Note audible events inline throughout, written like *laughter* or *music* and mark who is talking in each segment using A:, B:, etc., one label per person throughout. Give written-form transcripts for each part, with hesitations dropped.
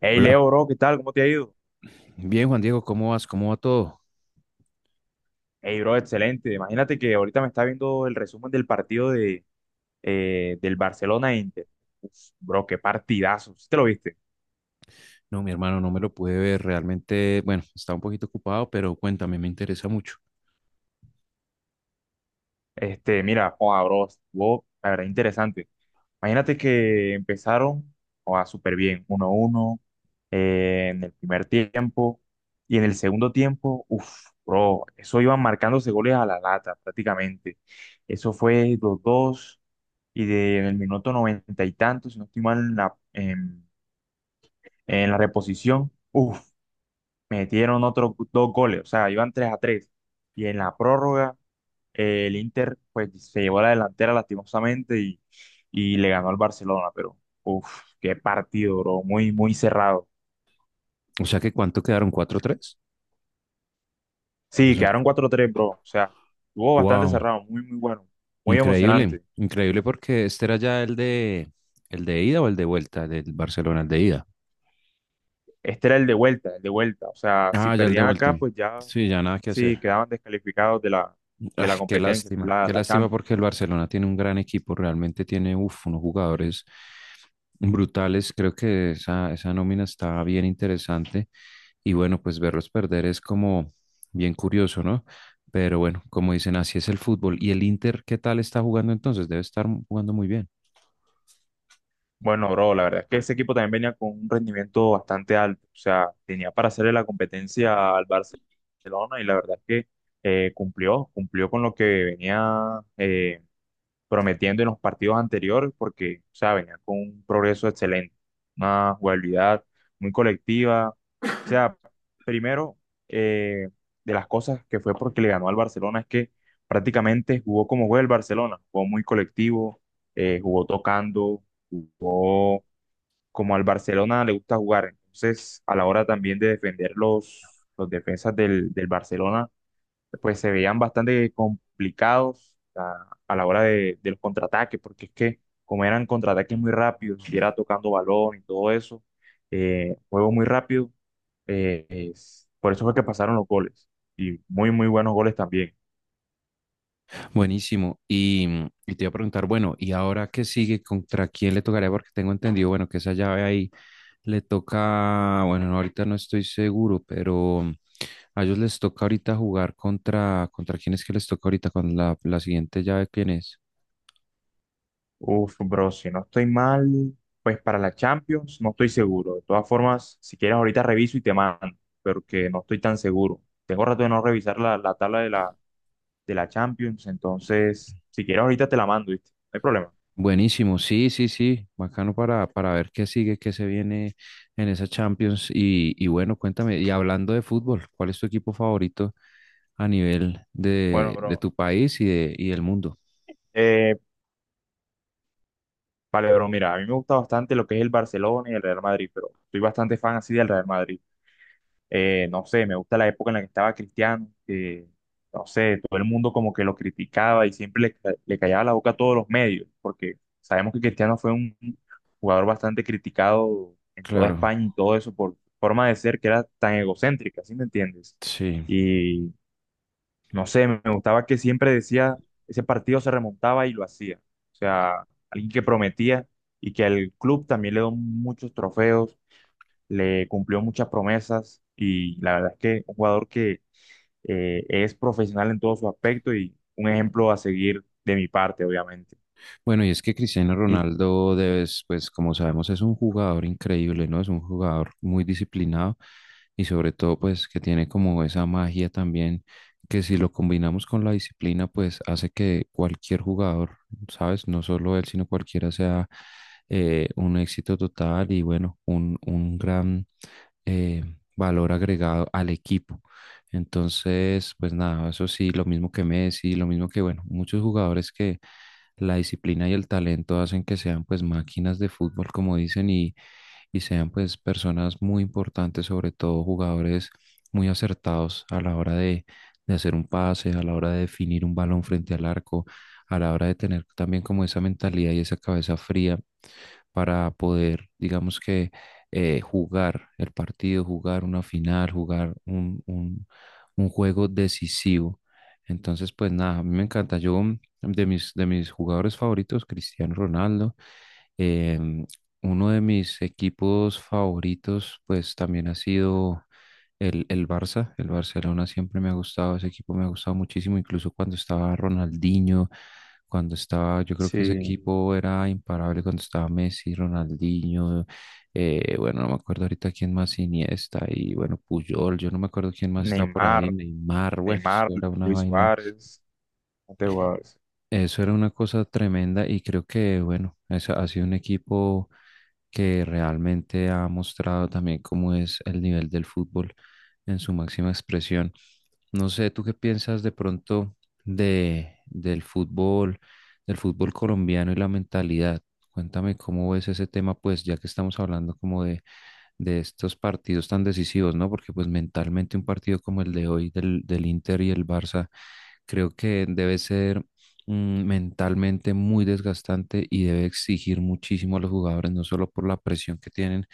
A: Hey
B: Hola,
A: Leo, bro, ¿qué tal? ¿Cómo te ha ido?
B: bien Juan Diego, ¿cómo vas? ¿Cómo va todo?
A: Hey, bro, excelente. Imagínate que ahorita me está viendo el resumen del partido del Barcelona e Inter. Uf, bro, qué partidazo. ¿Sí te lo viste?
B: No, mi hermano, no me lo pude ver, realmente, bueno, estaba un poquito ocupado, pero cuéntame, me interesa mucho.
A: Este, mira, joda, bro, estuvo, la verdad, interesante. Imagínate que empezaron, joda, súper bien, 1 uno en el primer tiempo. Y en el segundo tiempo, uff, bro, eso iban marcándose goles a la lata prácticamente. Eso fue 2 dos. Y en el minuto noventa y tantos, si no estoy mal, en la reposición, uff, metieron otros dos goles, o sea, iban 3 a tres. Y en la prórroga, el Inter pues se llevó la delantera lastimosamente y le ganó al Barcelona, pero uff, qué partido, bro, muy, muy cerrado.
B: O sea que ¿cuánto quedaron? Cuatro tres. O
A: Sí,
B: sea,
A: quedaron 4 tres, bro, o sea, estuvo bastante
B: wow,
A: cerrado, muy, muy bueno, muy
B: increíble,
A: emocionante.
B: increíble porque este era ya el de ida o el de vuelta del Barcelona, el de ida.
A: Este era el de vuelta, el de vuelta. O sea, si
B: Ah, ya el de
A: perdían
B: vuelta.
A: acá, pues ya
B: Sí, ya nada que
A: sí
B: hacer.
A: quedaban descalificados de la, de
B: Ah,
A: la competencia, que es la,
B: qué
A: la
B: lástima
A: Champions.
B: porque el Barcelona tiene un gran equipo, realmente tiene, uf, unos jugadores brutales. Creo que esa nómina está bien interesante. Y bueno, pues verlos perder es como bien curioso, ¿no? Pero bueno, como dicen, así es el fútbol. ¿Y el Inter qué tal está jugando entonces? Debe estar jugando muy bien.
A: Bueno, bro, la verdad es que ese equipo también venía con un rendimiento bastante alto. O sea, tenía para hacerle la competencia al Barcelona, y la verdad es que cumplió con lo que venía prometiendo en los partidos anteriores, porque, o sea, venía con un progreso excelente, una jugabilidad muy colectiva. O sea, primero, eh, de las cosas que fue porque le ganó al Barcelona es que prácticamente jugó como juega el Barcelona, jugó muy colectivo, jugó tocando, jugó como al Barcelona le gusta jugar. Entonces, a la hora también de defender los defensas del Barcelona, pues se veían bastante complicados a la hora de los contraataques, porque es que como eran contraataques muy rápidos, y era tocando balón y todo eso, juego muy rápido, por eso fue que pasaron los goles. Y muy, muy buenos goles también.
B: Buenísimo. Y te iba a preguntar, bueno, ¿y ahora qué sigue? ¿Contra quién le tocaría? Porque tengo entendido, bueno, que esa llave ahí le toca, bueno, no, ahorita no estoy seguro, pero a ellos les toca ahorita jugar contra, ¿contra quién es que les toca ahorita? ¿Con la siguiente llave quién es?
A: Uf, bro, si no estoy mal, pues para la Champions no estoy seguro. De todas formas, si quieres ahorita reviso y te mando, porque no estoy tan seguro. Tengo rato de no revisar la tabla de la Champions, entonces, si quieres ahorita te la mando, ¿viste? No hay problema.
B: Buenísimo, sí, sí, sí, bacano para ver qué sigue, qué se viene en esa Champions. Y bueno, cuéntame, y hablando de fútbol, ¿cuál es tu equipo favorito a nivel
A: Bueno,
B: de
A: bro.
B: tu país y del mundo?
A: Eh, vale, bro, mira, a mí me gusta bastante lo que es el Barcelona y el Real Madrid, pero soy bastante fan así del Real Madrid. No sé, me gusta la época en la que estaba Cristiano, que, no sé, todo el mundo como que lo criticaba y siempre le callaba la boca a todos los medios, porque sabemos que Cristiano fue un jugador bastante criticado en toda
B: Claro,
A: España y todo eso por su forma de ser que era tan egocéntrica, ¿sí me entiendes?
B: sí.
A: Y no sé, me gustaba que siempre decía, ese partido se remontaba y lo hacía. O sea, alguien que prometía y que al club también le dio muchos trofeos, le cumplió muchas promesas, y la verdad es que un jugador que es profesional en todos sus aspectos y un ejemplo a seguir de mi parte, obviamente.
B: Bueno, y es que Cristiano
A: Y
B: Ronaldo, debes, pues como sabemos, es un jugador increíble, ¿no? Es un jugador muy disciplinado y sobre todo, pues que tiene como esa magia también, que si lo combinamos con la disciplina, pues hace que cualquier jugador, ¿sabes? No solo él, sino cualquiera sea un éxito total y bueno, un gran eh, valor agregado al equipo. Entonces, pues nada, eso sí, lo mismo que Messi, lo mismo que, bueno, muchos jugadores que la disciplina y el talento hacen que sean pues máquinas de fútbol, como dicen, y sean pues personas muy importantes, sobre todo jugadores muy acertados a la hora de hacer un pase, a la hora de definir un balón frente al arco, a la hora de tener también como esa mentalidad y esa cabeza fría para poder, digamos que jugar el partido, jugar una final, jugar un juego decisivo. Entonces, pues nada, a mí me encanta. De de mis jugadores favoritos, Cristiano Ronaldo, em, uno de mis equipos favoritos, pues también ha sido el Barça. El Barcelona siempre me ha gustado, ese equipo me ha gustado muchísimo, incluso cuando estaba Ronaldinho, cuando estaba, yo creo que ese
A: sí,
B: equipo era imparable, cuando estaba Messi, Ronaldinho, bueno, no me acuerdo ahorita quién más, Iniesta y bueno, Puyol, yo no me acuerdo quién más estaba por ahí,
A: Neymar,
B: Neymar, *laughs* bueno,
A: Neymar,
B: eso era una
A: Luis
B: vaina,
A: Suárez, este jugadores.
B: eso era una cosa tremenda y creo que bueno, eso ha sido un equipo que realmente ha mostrado también cómo es el nivel del fútbol en su máxima expresión. No sé, ¿tú qué piensas de pronto de, del fútbol, del fútbol colombiano y la mentalidad? Cuéntame cómo ves ese tema, pues, ya que estamos hablando como de estos partidos tan decisivos, ¿no? Porque pues mentalmente un partido como el de hoy del Inter y el Barça, creo que debe ser mentalmente muy desgastante y debe exigir muchísimo a los jugadores, no solo por la presión que tienen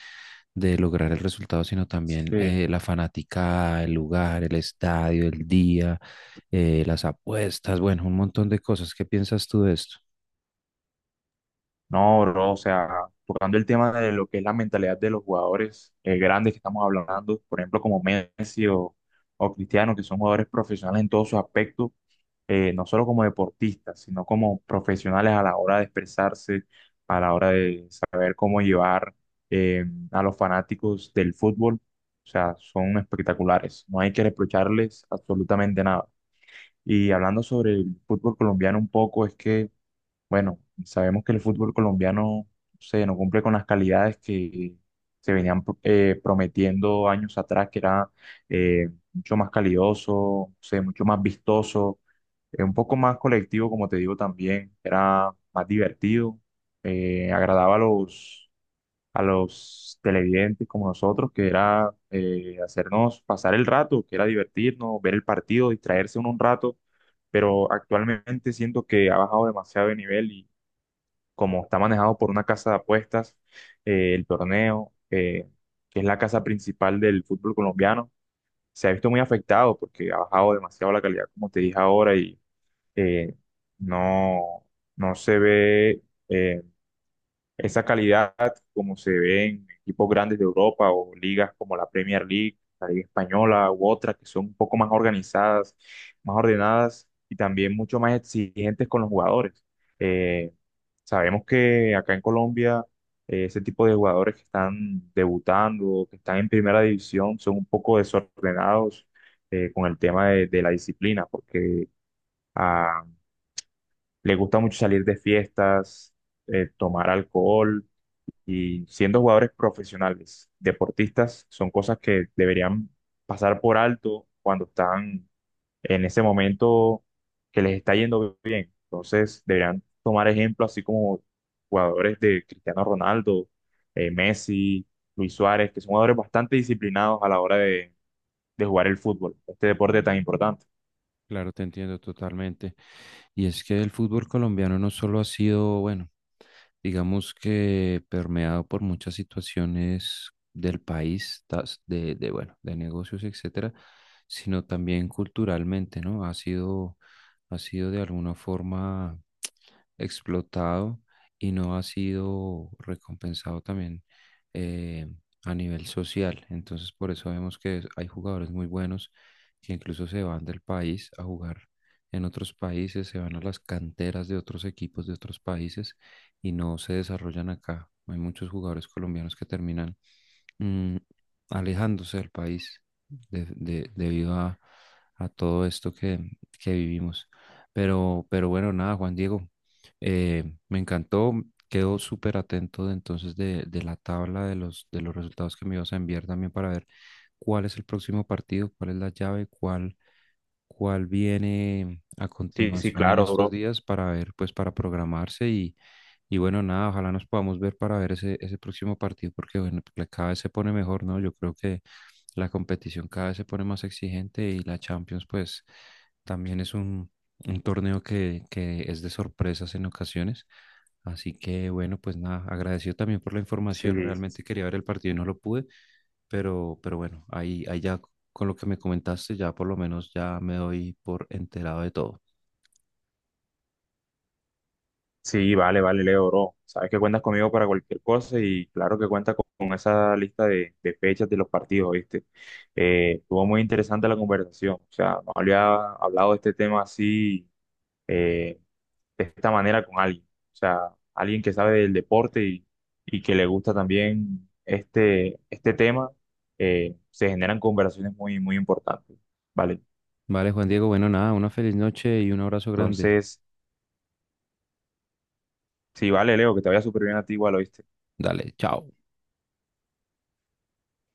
B: de lograr el resultado, sino también
A: Sí.
B: la fanaticada, el lugar, el estadio, el día, las apuestas, bueno, un montón de cosas. ¿Qué piensas tú de esto?
A: No, bro, o sea, tocando el tema de lo que es la mentalidad de los jugadores grandes que estamos hablando, por ejemplo, como Messi o Cristiano, que son jugadores profesionales en todos sus aspectos, no solo como deportistas, sino como profesionales a la hora de expresarse, a la hora de saber cómo llevar eh, a los fanáticos del fútbol. O sea, son espectaculares, no hay que reprocharles absolutamente nada. Y hablando sobre el fútbol colombiano un poco, es que bueno, sabemos que el fútbol colombiano se no cumple con las calidades que se venían prometiendo años atrás, que era mucho más calidoso, o sea, mucho más vistoso, un poco más colectivo, como te digo también, era más divertido, agradaba a los televidentes como nosotros, que era hacernos pasar el rato, que era divertirnos, ver el partido, distraerse uno un rato. Pero actualmente siento que ha bajado demasiado de nivel, como está manejado por una casa de apuestas, el torneo, que es la casa principal del fútbol colombiano, se ha visto muy afectado porque ha bajado demasiado la calidad, como te dije ahora, y eh, no, no se ve eh, esa calidad como se ve en equipos grandes de Europa o ligas como la Premier League, la Liga Española u otras que son un poco más organizadas, más ordenadas y también mucho más exigentes con los jugadores. Eh, Sabemos que acá en Colombia ese tipo de jugadores que están debutando, que están en primera división, son un poco desordenados con el tema de la disciplina, porque ah, les gusta mucho salir de fiestas, tomar alcohol, y siendo jugadores profesionales, deportistas, son cosas que deberían pasar por alto cuando están en ese momento que les está yendo bien. Entonces, deberían tomar ejemplo, así como jugadores de Cristiano Ronaldo, Messi, Luis Suárez, que son jugadores bastante disciplinados a la hora de jugar el fútbol, este deporte tan importante.
B: Claro, te entiendo totalmente. Y es que el fútbol colombiano no solo ha sido, bueno, digamos que permeado por muchas situaciones del país, de, bueno, de negocios, etcétera, sino también culturalmente, ¿no? Ha sido de alguna forma explotado y no ha sido recompensado también eh, a nivel social. Entonces, por eso vemos que hay jugadores muy buenos que incluso se van del país a jugar en otros países, se van a las canteras de otros equipos de otros países y no se desarrollan acá. Hay muchos jugadores colombianos que terminan mm, alejándose del país debido a todo esto que vivimos. Pero bueno, nada, Juan Diego, me encantó, quedo súper atento de, entonces de la tabla de de los resultados que me ibas a enviar también para ver cuál es el próximo partido, cuál es la llave, cuál viene a
A: Sí, sí,
B: continuación en
A: claro,
B: estos
A: bro.
B: días para ver, pues para programarse y bueno, nada, ojalá nos podamos ver para ver ese próximo partido, porque bueno, cada vez se pone mejor, ¿no? Yo creo que la competición cada vez se pone más exigente y la Champions, pues, también es un torneo que es de sorpresas en ocasiones. Así que bueno, pues nada, agradecido también por la
A: Sí,
B: información. Realmente quería ver el partido y no lo pude, pero bueno, ahí, ahí ya con lo que me comentaste, ya por lo menos ya me doy por enterado de todo.
A: sí, vale, vale, Leo, bro. Sabes que cuentas conmigo para cualquier cosa y claro que cuentas con esa lista de fechas de los partidos, ¿viste? Estuvo muy interesante la conversación. O sea, no había hablado de este tema así, eh, de esta manera con alguien. O sea, alguien que sabe del deporte y que le gusta también este tema, se generan conversaciones muy, muy importantes. Vale,
B: Vale, Juan Diego, bueno, nada, una feliz noche y un abrazo grande.
A: entonces, sí, vale, Leo, que te vaya súper bien a ti igual, ¿oíste?
B: Dale, chao.